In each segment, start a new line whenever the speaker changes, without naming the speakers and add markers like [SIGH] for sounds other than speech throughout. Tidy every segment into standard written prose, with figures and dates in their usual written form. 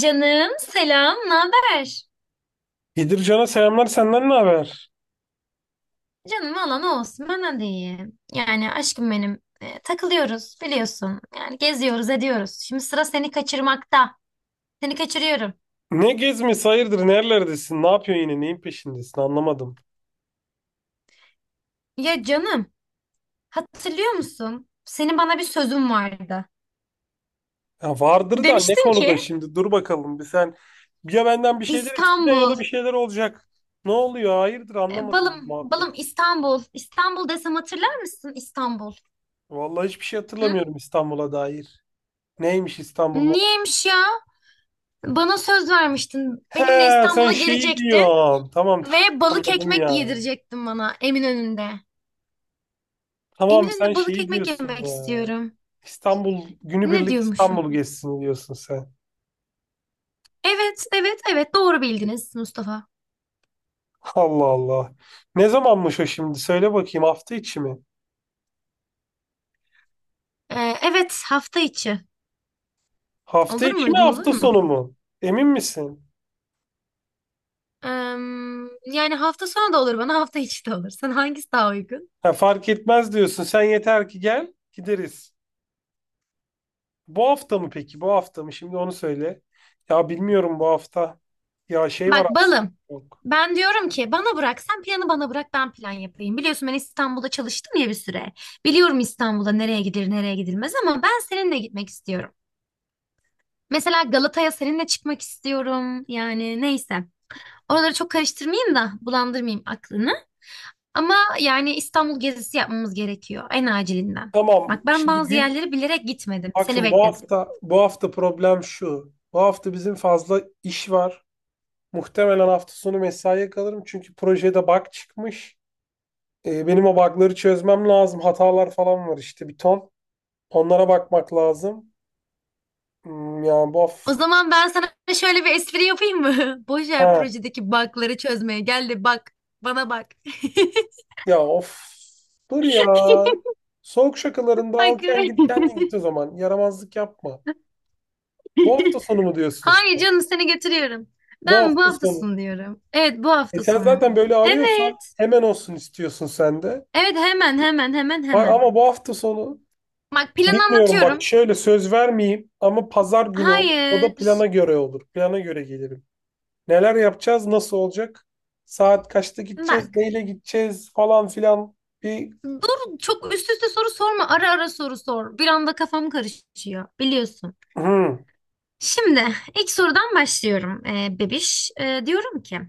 Canım selam, ne haber?
Bedircan'a selamlar, senden ne haber?
Canım valla ne olsun bana de iyi. Yani aşkım benim takılıyoruz biliyorsun. Yani geziyoruz ediyoruz. Şimdi sıra seni kaçırmakta. Seni kaçırıyorum.
Ne gezmesi, hayırdır, nerelerdesin? Ne yapıyorsun, yine neyin peşindesin, anlamadım.
Ya canım, hatırlıyor musun? Senin bana bir sözün vardı.
Ya vardır da ne
Demiştin ki
konuda şimdi, dur bakalım bir sen, ya benden bir şeyler isteyeceksin ya
İstanbul.
da bir şeyler olacak. Ne oluyor, hayırdır, anlamadım ben
Balım balım
muhabbeti.
İstanbul. İstanbul desem hatırlar mısın İstanbul?
Vallahi hiçbir şey
Hı?
hatırlamıyorum İstanbul'a dair. Neymiş, İstanbul mu?
Niyeymiş ya? Bana söz vermiştin.
He,
Benimle
sen
İstanbul'a
şeyi
gelecektin.
diyorsun. Tamam, [LAUGHS] tamam,
Ve balık
anladım
ekmek
ya.
yedirecektin bana Eminönü'nde.
Tamam, sen
Eminönü'nde balık
şeyi
ekmek
diyorsun
yemek
ya.
istiyorum.
İstanbul
Ne
günübirlik,
diyormuşum?
İstanbul gezsin diyorsun sen.
Evet, evet, evet, doğru bildiniz Mustafa.
Allah Allah. Ne zamanmış o şimdi? Söyle bakayım, hafta içi mi?
Evet, hafta içi.
Hafta
Olur mu?
içi mi,
Uygun olur
hafta
mu?
sonu mu? Emin misin?
Ee, Yani hafta sonu da olur, bana hafta içi de olur. Sana hangisi daha uygun?
Ha, fark etmez diyorsun. Sen yeter ki gel, gideriz. Bu hafta mı peki? Bu hafta mı? Şimdi onu söyle. Ya bilmiyorum bu hafta. Ya şey var
Bak
aslında.
balım.
Yok.
Ben diyorum ki bana bırak, sen planı bana bırak, ben plan yapayım. Biliyorsun ben İstanbul'da çalıştım ya bir süre. Biliyorum İstanbul'da nereye gidilir nereye gidilmez, ama ben seninle gitmek istiyorum. Mesela Galata'ya seninle çıkmak istiyorum. Yani neyse. Oraları çok karıştırmayayım da bulandırmayayım aklını. Ama yani İstanbul gezisi yapmamız gerekiyor en acilinden.
Tamam.
Bak, ben
Şimdi
bazı
gün
yerleri bilerek gitmedim.
Bak
Seni
şimdi, bu
bekledim.
hafta bu hafta problem şu. Bu hafta bizim fazla iş var. Muhtemelen hafta sonu mesaiye kalırım, çünkü projede bug çıkmış. Benim o bug'ları çözmem lazım. Hatalar falan var işte, bir ton. Onlara bakmak lazım. Ya bu
O
of.
zaman ben sana şöyle bir espri yapayım mı? [LAUGHS] Boşver
Ha.
projedeki bug'ları çözmeye. Gel de bak. Bana bak.
Ya of. Dur ya.
[LAUGHS]
Soğuk şakalarında,
Ay,
al
kız.
kendin git kendin git o zaman. Yaramazlık yapma. Bu hafta
[LAUGHS]
sonu mu diyorsun
Hayır
sen?
canım, seni getiriyorum.
Bu
Ben bu
hafta
hafta
sonu.
sonu diyorum. Evet, bu
E
hafta
sen
sonu.
zaten böyle arıyorsan,
Evet.
hemen olsun istiyorsun sen de.
Evet, hemen hemen hemen
Bak
hemen.
ama bu hafta sonu
Bak, planı
bilmiyorum, bak,
anlatıyorum.
şöyle söz vermeyeyim ama pazar günü olur. O da plana
Hayır.
göre olur. Plana göre gelirim. Neler yapacağız, nasıl olacak? Saat kaçta gideceğiz,
Bak.
neyle gideceğiz falan filan. Bir
Dur, çok üst üste soru sorma. Ara ara soru sor. Bir anda kafam karışıyor. Biliyorsun.
Hı,
Şimdi ilk sorudan başlıyorum. Bebiş, diyorum ki,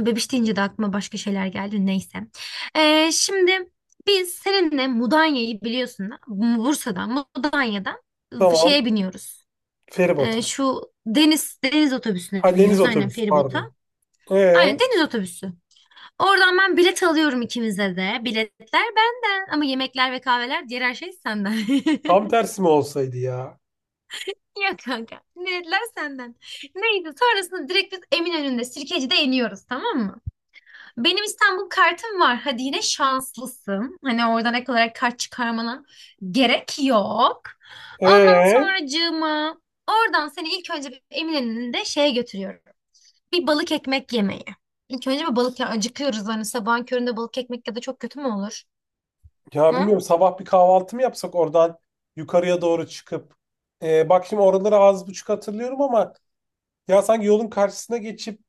bebiş deyince de aklıma başka şeyler geldi, neyse. Şimdi biz seninle Mudanya'yı biliyorsun da, Bursa'dan Mudanya'dan şeye
tamam.
biniyoruz.
Feribota.
Şu deniz otobüsüne
Ha, deniz
biniyoruz, aynen,
otobüsü pardon.
feribota.
Ee,
Aynen, deniz otobüsü. Oradan ben bilet alıyorum ikimize de. Biletler benden, ama yemekler ve kahveler, diğer her şey senden. [LAUGHS]
Tam tersi mi olsaydı ya?
Yok kanka, ne dediler, senden. Neydi, sonrasında direkt biz Eminönü'nde, Sirkeci'de iniyoruz, tamam mı? Benim İstanbul kartım var. Hadi, yine şanslısın. Hani oradan ek olarak kart çıkarmana gerek yok. Ondan
Ee,
sonracığıma oradan seni ilk önce bir Eminönü'nde şeye götürüyorum. Bir balık ekmek yemeği. İlk önce bir balık, ya acıkıyoruz hani sabahın köründe, balık ekmek ya da çok kötü mü olur?
Ya
Hı?
bilmiyorum, sabah bir kahvaltı mı yapsak, oradan yukarıya doğru çıkıp. Bak şimdi, oraları az buçuk hatırlıyorum ama ya sanki yolun karşısına geçip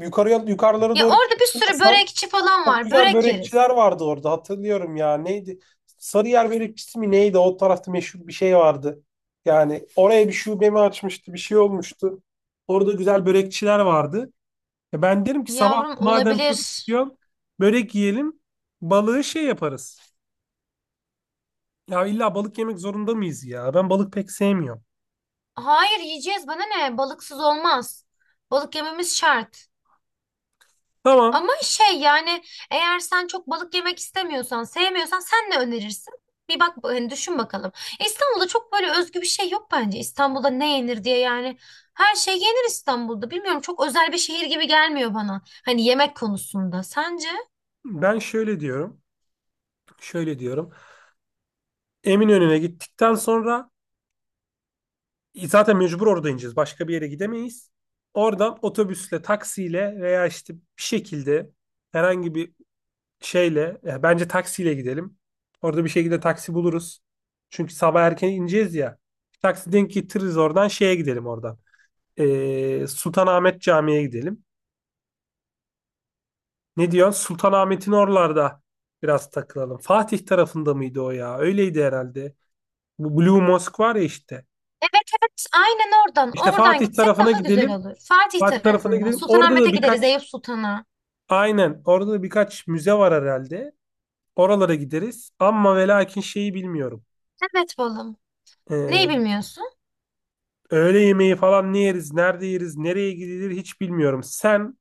yukarıya, yukarılara
Ya
doğru
orada bir sürü
çıktığında...
börekçi falan
Çok
var.
güzel
Börek
börekçiler
yeriz.
vardı orada, hatırlıyorum ya. Neydi? Sarıyer börekçisi mi neydi? O tarafta meşhur bir şey vardı. Yani oraya bir şube mi açmıştı? Bir şey olmuştu. Orada güzel börekçiler vardı. Ya ben derim ki, sabah
Yavrum,
madem çok
olabilir.
istiyorsun börek yiyelim. Balığı şey yaparız. Ya illa balık yemek zorunda mıyız ya? Ben balık pek sevmiyorum.
Hayır, yiyeceğiz, bana ne, balıksız olmaz. Balık yememiz şart.
Tamam.
Ama şey yani, eğer sen çok balık yemek istemiyorsan, sevmiyorsan, sen ne önerirsin? Bir bak, hani düşün bakalım. İstanbul'da çok böyle özgü bir şey yok bence. İstanbul'da ne yenir diye yani. Her şey yenir İstanbul'da. Bilmiyorum, çok özel bir şehir gibi gelmiyor bana. Hani yemek konusunda. Sence?
Ben şöyle diyorum. Şöyle diyorum. Eminönü'ne gittikten sonra, zaten mecbur orada ineceğiz. Başka bir yere gidemeyiz. Oradan otobüsle, taksiyle veya işte bir şekilde herhangi bir şeyle, bence taksiyle gidelim. Orada bir şekilde taksi buluruz. Çünkü sabah erken ineceğiz ya. Taksi denk getiririz, oradan şeye gidelim oradan. Sultanahmet Camii'ye gidelim. Ne diyorsun? Sultanahmet'in oralarda biraz takılalım. Fatih tarafında mıydı o ya? Öyleydi herhalde. Bu Blue Mosque var ya işte.
Evet evet, aynen, oradan.
İşte
Oradan
Fatih
gitsek
tarafına
daha güzel
gidelim.
olur. Fatih
Fatih tarafına
tarafında.
gidelim. Orada
Sultanahmet'e
da
gideriz,
birkaç
Eyüp Sultan'a.
Aynen. Orada da birkaç müze var herhalde. Oralara gideriz. Ama ve lakin şeyi bilmiyorum.
Evet balım. Neyi
Ee,
bilmiyorsun?
Öğle yemeği falan ne yeriz, nerede yeriz, nereye gidilir, hiç bilmiyorum. Sen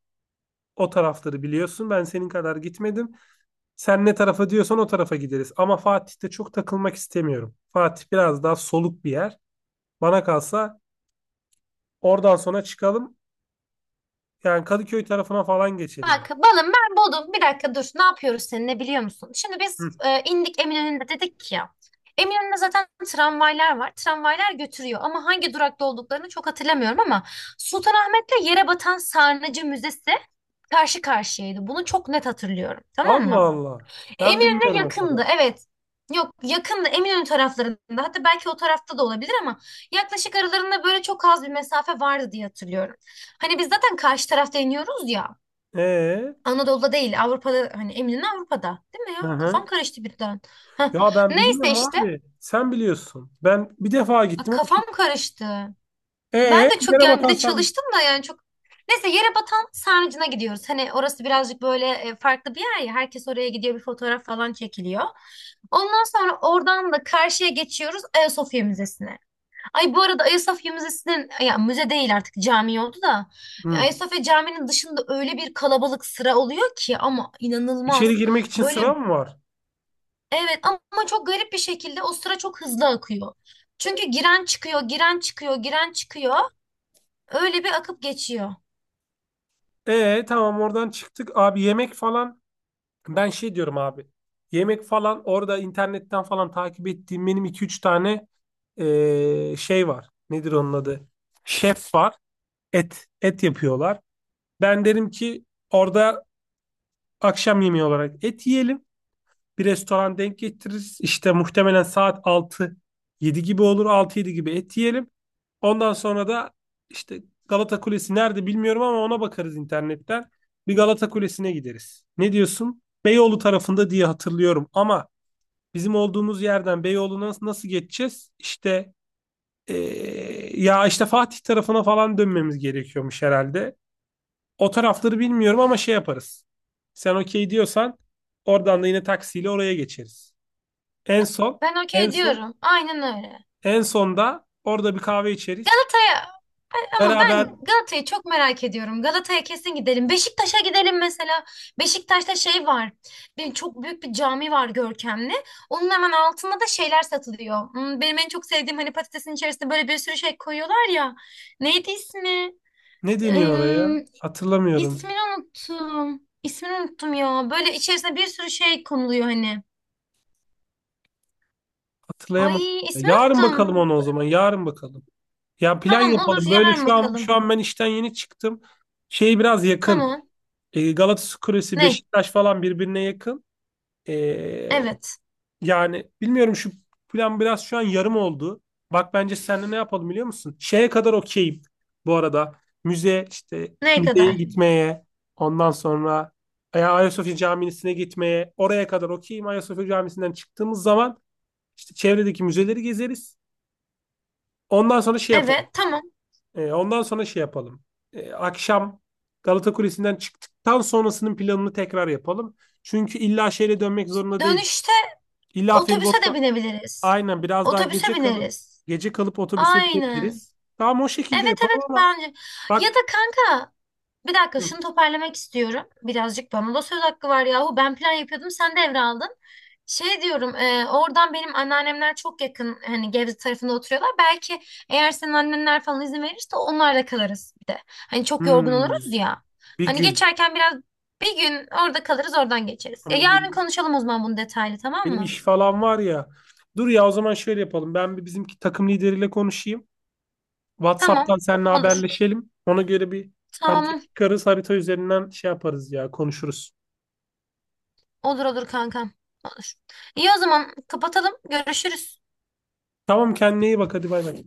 o tarafları biliyorsun. Ben senin kadar gitmedim. Sen ne tarafa diyorsan o tarafa gideriz. Ama Fatih'te çok takılmak istemiyorum. Fatih biraz daha soluk bir yer. Bana kalsa oradan sonra çıkalım. Yani Kadıköy tarafına falan geçelim.
Bak balım, ben buldum. Bir dakika dur. Ne yapıyoruz seninle biliyor musun? Şimdi
Hı.
biz indik Eminönü'nde dedik ya. Eminönü'nde zaten tramvaylar var. Tramvaylar götürüyor, ama hangi durakta olduklarını çok hatırlamıyorum. Ama Sultanahmet'le yere batan Sarnıcı Müzesi karşı karşıyaydı. Bunu çok net hatırlıyorum. Tamam
Allah
mı?
Allah. Ben
Eminönü'ne
bilmiyorum o
yakındı.
kadar.
Evet. Yok, yakındı, Eminönü taraflarında. Hatta belki o tarafta da olabilir, ama yaklaşık aralarında böyle çok az bir mesafe vardı diye hatırlıyorum. Hani biz zaten karşı tarafta iniyoruz ya.
Ee?
Anadolu'da değil, Avrupa'da, hani eminim Avrupa'da, değil mi ya?
Hı
Kafam
hı.
karıştı birden. Heh.
Ya ben
Neyse
bilmiyorum
işte.
abi. Sen biliyorsun. Ben bir defa
Bak,
gittim. O da çok...
kafam karıştı.
Ee,
Ben de çok
Yere
yani, bir
batan
de
sen.
çalıştım da yani çok. Neyse, yere batan sarnıcına gidiyoruz. Hani orası birazcık böyle farklı bir yer ya. Herkes oraya gidiyor, bir fotoğraf falan çekiliyor. Ondan sonra oradan da karşıya geçiyoruz, Ayasofya Müzesi'ne. Ay, bu arada, Ayasofya Müzesi'nin, ya müze değil artık, cami oldu da,
Hı.
Ayasofya Camii'nin dışında öyle bir kalabalık sıra oluyor ki, ama
İçeri
inanılmaz.
girmek için sıra
Böyle.
mı var?
Evet, ama çok garip bir şekilde o sıra çok hızlı akıyor. Çünkü giren çıkıyor, giren çıkıyor, giren çıkıyor. Öyle bir akıp geçiyor.
Tamam, oradan çıktık. Abi yemek falan. Ben şey diyorum abi. Yemek falan orada internetten falan takip ettiğim benim iki üç tane şey var. Nedir onun adı? Şef var. Et. Et yapıyorlar. Ben derim ki, orada akşam yemeği olarak et yiyelim. Bir restoran denk getiririz. İşte muhtemelen saat altı yedi gibi olur. Altı yedi gibi et yiyelim. Ondan sonra da işte Galata Kulesi nerede bilmiyorum ama ona bakarız internetten. Bir Galata Kulesi'ne gideriz. Ne diyorsun? Beyoğlu tarafında diye hatırlıyorum ama bizim olduğumuz yerden Beyoğlu'na nasıl geçeceğiz? İşte ya işte Fatih tarafına falan dönmemiz gerekiyormuş herhalde. O tarafları bilmiyorum ama şey yaparız. Sen okey diyorsan oradan da yine taksiyle oraya geçeriz. En son,
Ben
en
okey
son,
diyorum. Aynen öyle.
en sonda orada bir kahve içeriz.
Galata'ya, ama ben
Beraber,
Galata'yı çok merak ediyorum. Galata'ya kesin gidelim. Beşiktaş'a gidelim mesela. Beşiktaş'ta şey var. Bir, çok büyük bir cami var, görkemli. Onun hemen altında da şeyler satılıyor. Benim en çok sevdiğim, hani patatesin içerisinde böyle bir sürü şey koyuyorlar ya. Neydi ismi?
ne deniyor oraya? Hatırlamıyorum.
İsmini unuttum. İsmini unuttum ya. Böyle içerisine bir sürü şey konuluyor hani.
Hatırlayamadım.
Ay, ismini
Yarın
unuttum.
bakalım onu o zaman. Yarın bakalım. Ya plan
Tamam, olur,
yapalım. Böyle
yarın
şu an şu
bakalım.
an ben işten yeni çıktım. Şey biraz yakın.
Tamam.
Galatasaray Kulesi,
Ne?
Beşiktaş falan birbirine yakın. E,
Evet.
Yani bilmiyorum, şu plan biraz şu an yarım oldu. Bak bence seninle ne yapalım biliyor musun? Şeye kadar okeyim bu arada. Müze işte
Ne
müzeye
kadar?
gitmeye, ondan sonra ya Ayasofya Camisi'ne gitmeye, oraya kadar okeyim. Ayasofya Camisi'nden çıktığımız zaman işte çevredeki müzeleri gezeriz. Ondan sonra şey yapalım.
Evet, tamam.
Ondan sonra şey yapalım. Akşam Galata Kulesi'nden çıktıktan sonrasının planını tekrar yapalım. Çünkü illa şehre dönmek zorunda değil.
Dönüşte
İlla
otobüse de
feribotla,
binebiliriz.
aynen, biraz daha
Otobüse
gece kalıp
bineriz.
gece kalıp otobüse
Aynen.
binebiliriz. Tamam, o şekilde
Evet evet,
yapalım ama
bence. Ya
bak,
da kanka, bir dakika, şunu toparlamak istiyorum. Birazcık bana da söz hakkı var yahu. Ben plan yapıyordum, sen devraldın. Şey diyorum, oradan benim anneannemler çok yakın, hani Gebze tarafında oturuyorlar. Belki eğer senin annenler falan izin verirse, onlarla kalırız bir de. Hani çok yorgun
hmm,
oluruz ya.
bir
Hani
gün,
geçerken biraz bir gün orada kalırız, oradan geçeriz. Ya
ama
yarın
benim,
konuşalım o zaman bunu detaylı, tamam
benim
mı?
iş falan var ya. Dur ya, o zaman şöyle yapalım. Ben bir bizimki takım lideriyle konuşayım.
Tamam,
WhatsApp'tan seninle
olur.
haberleşelim. Ona göre bir harita
Tamam,
çıkarız. Harita üzerinden şey yaparız ya, konuşuruz.
olur olur kankam, olur. İyi, o zaman kapatalım, görüşürüz.
Tamam, kendine iyi bak, hadi bay bay.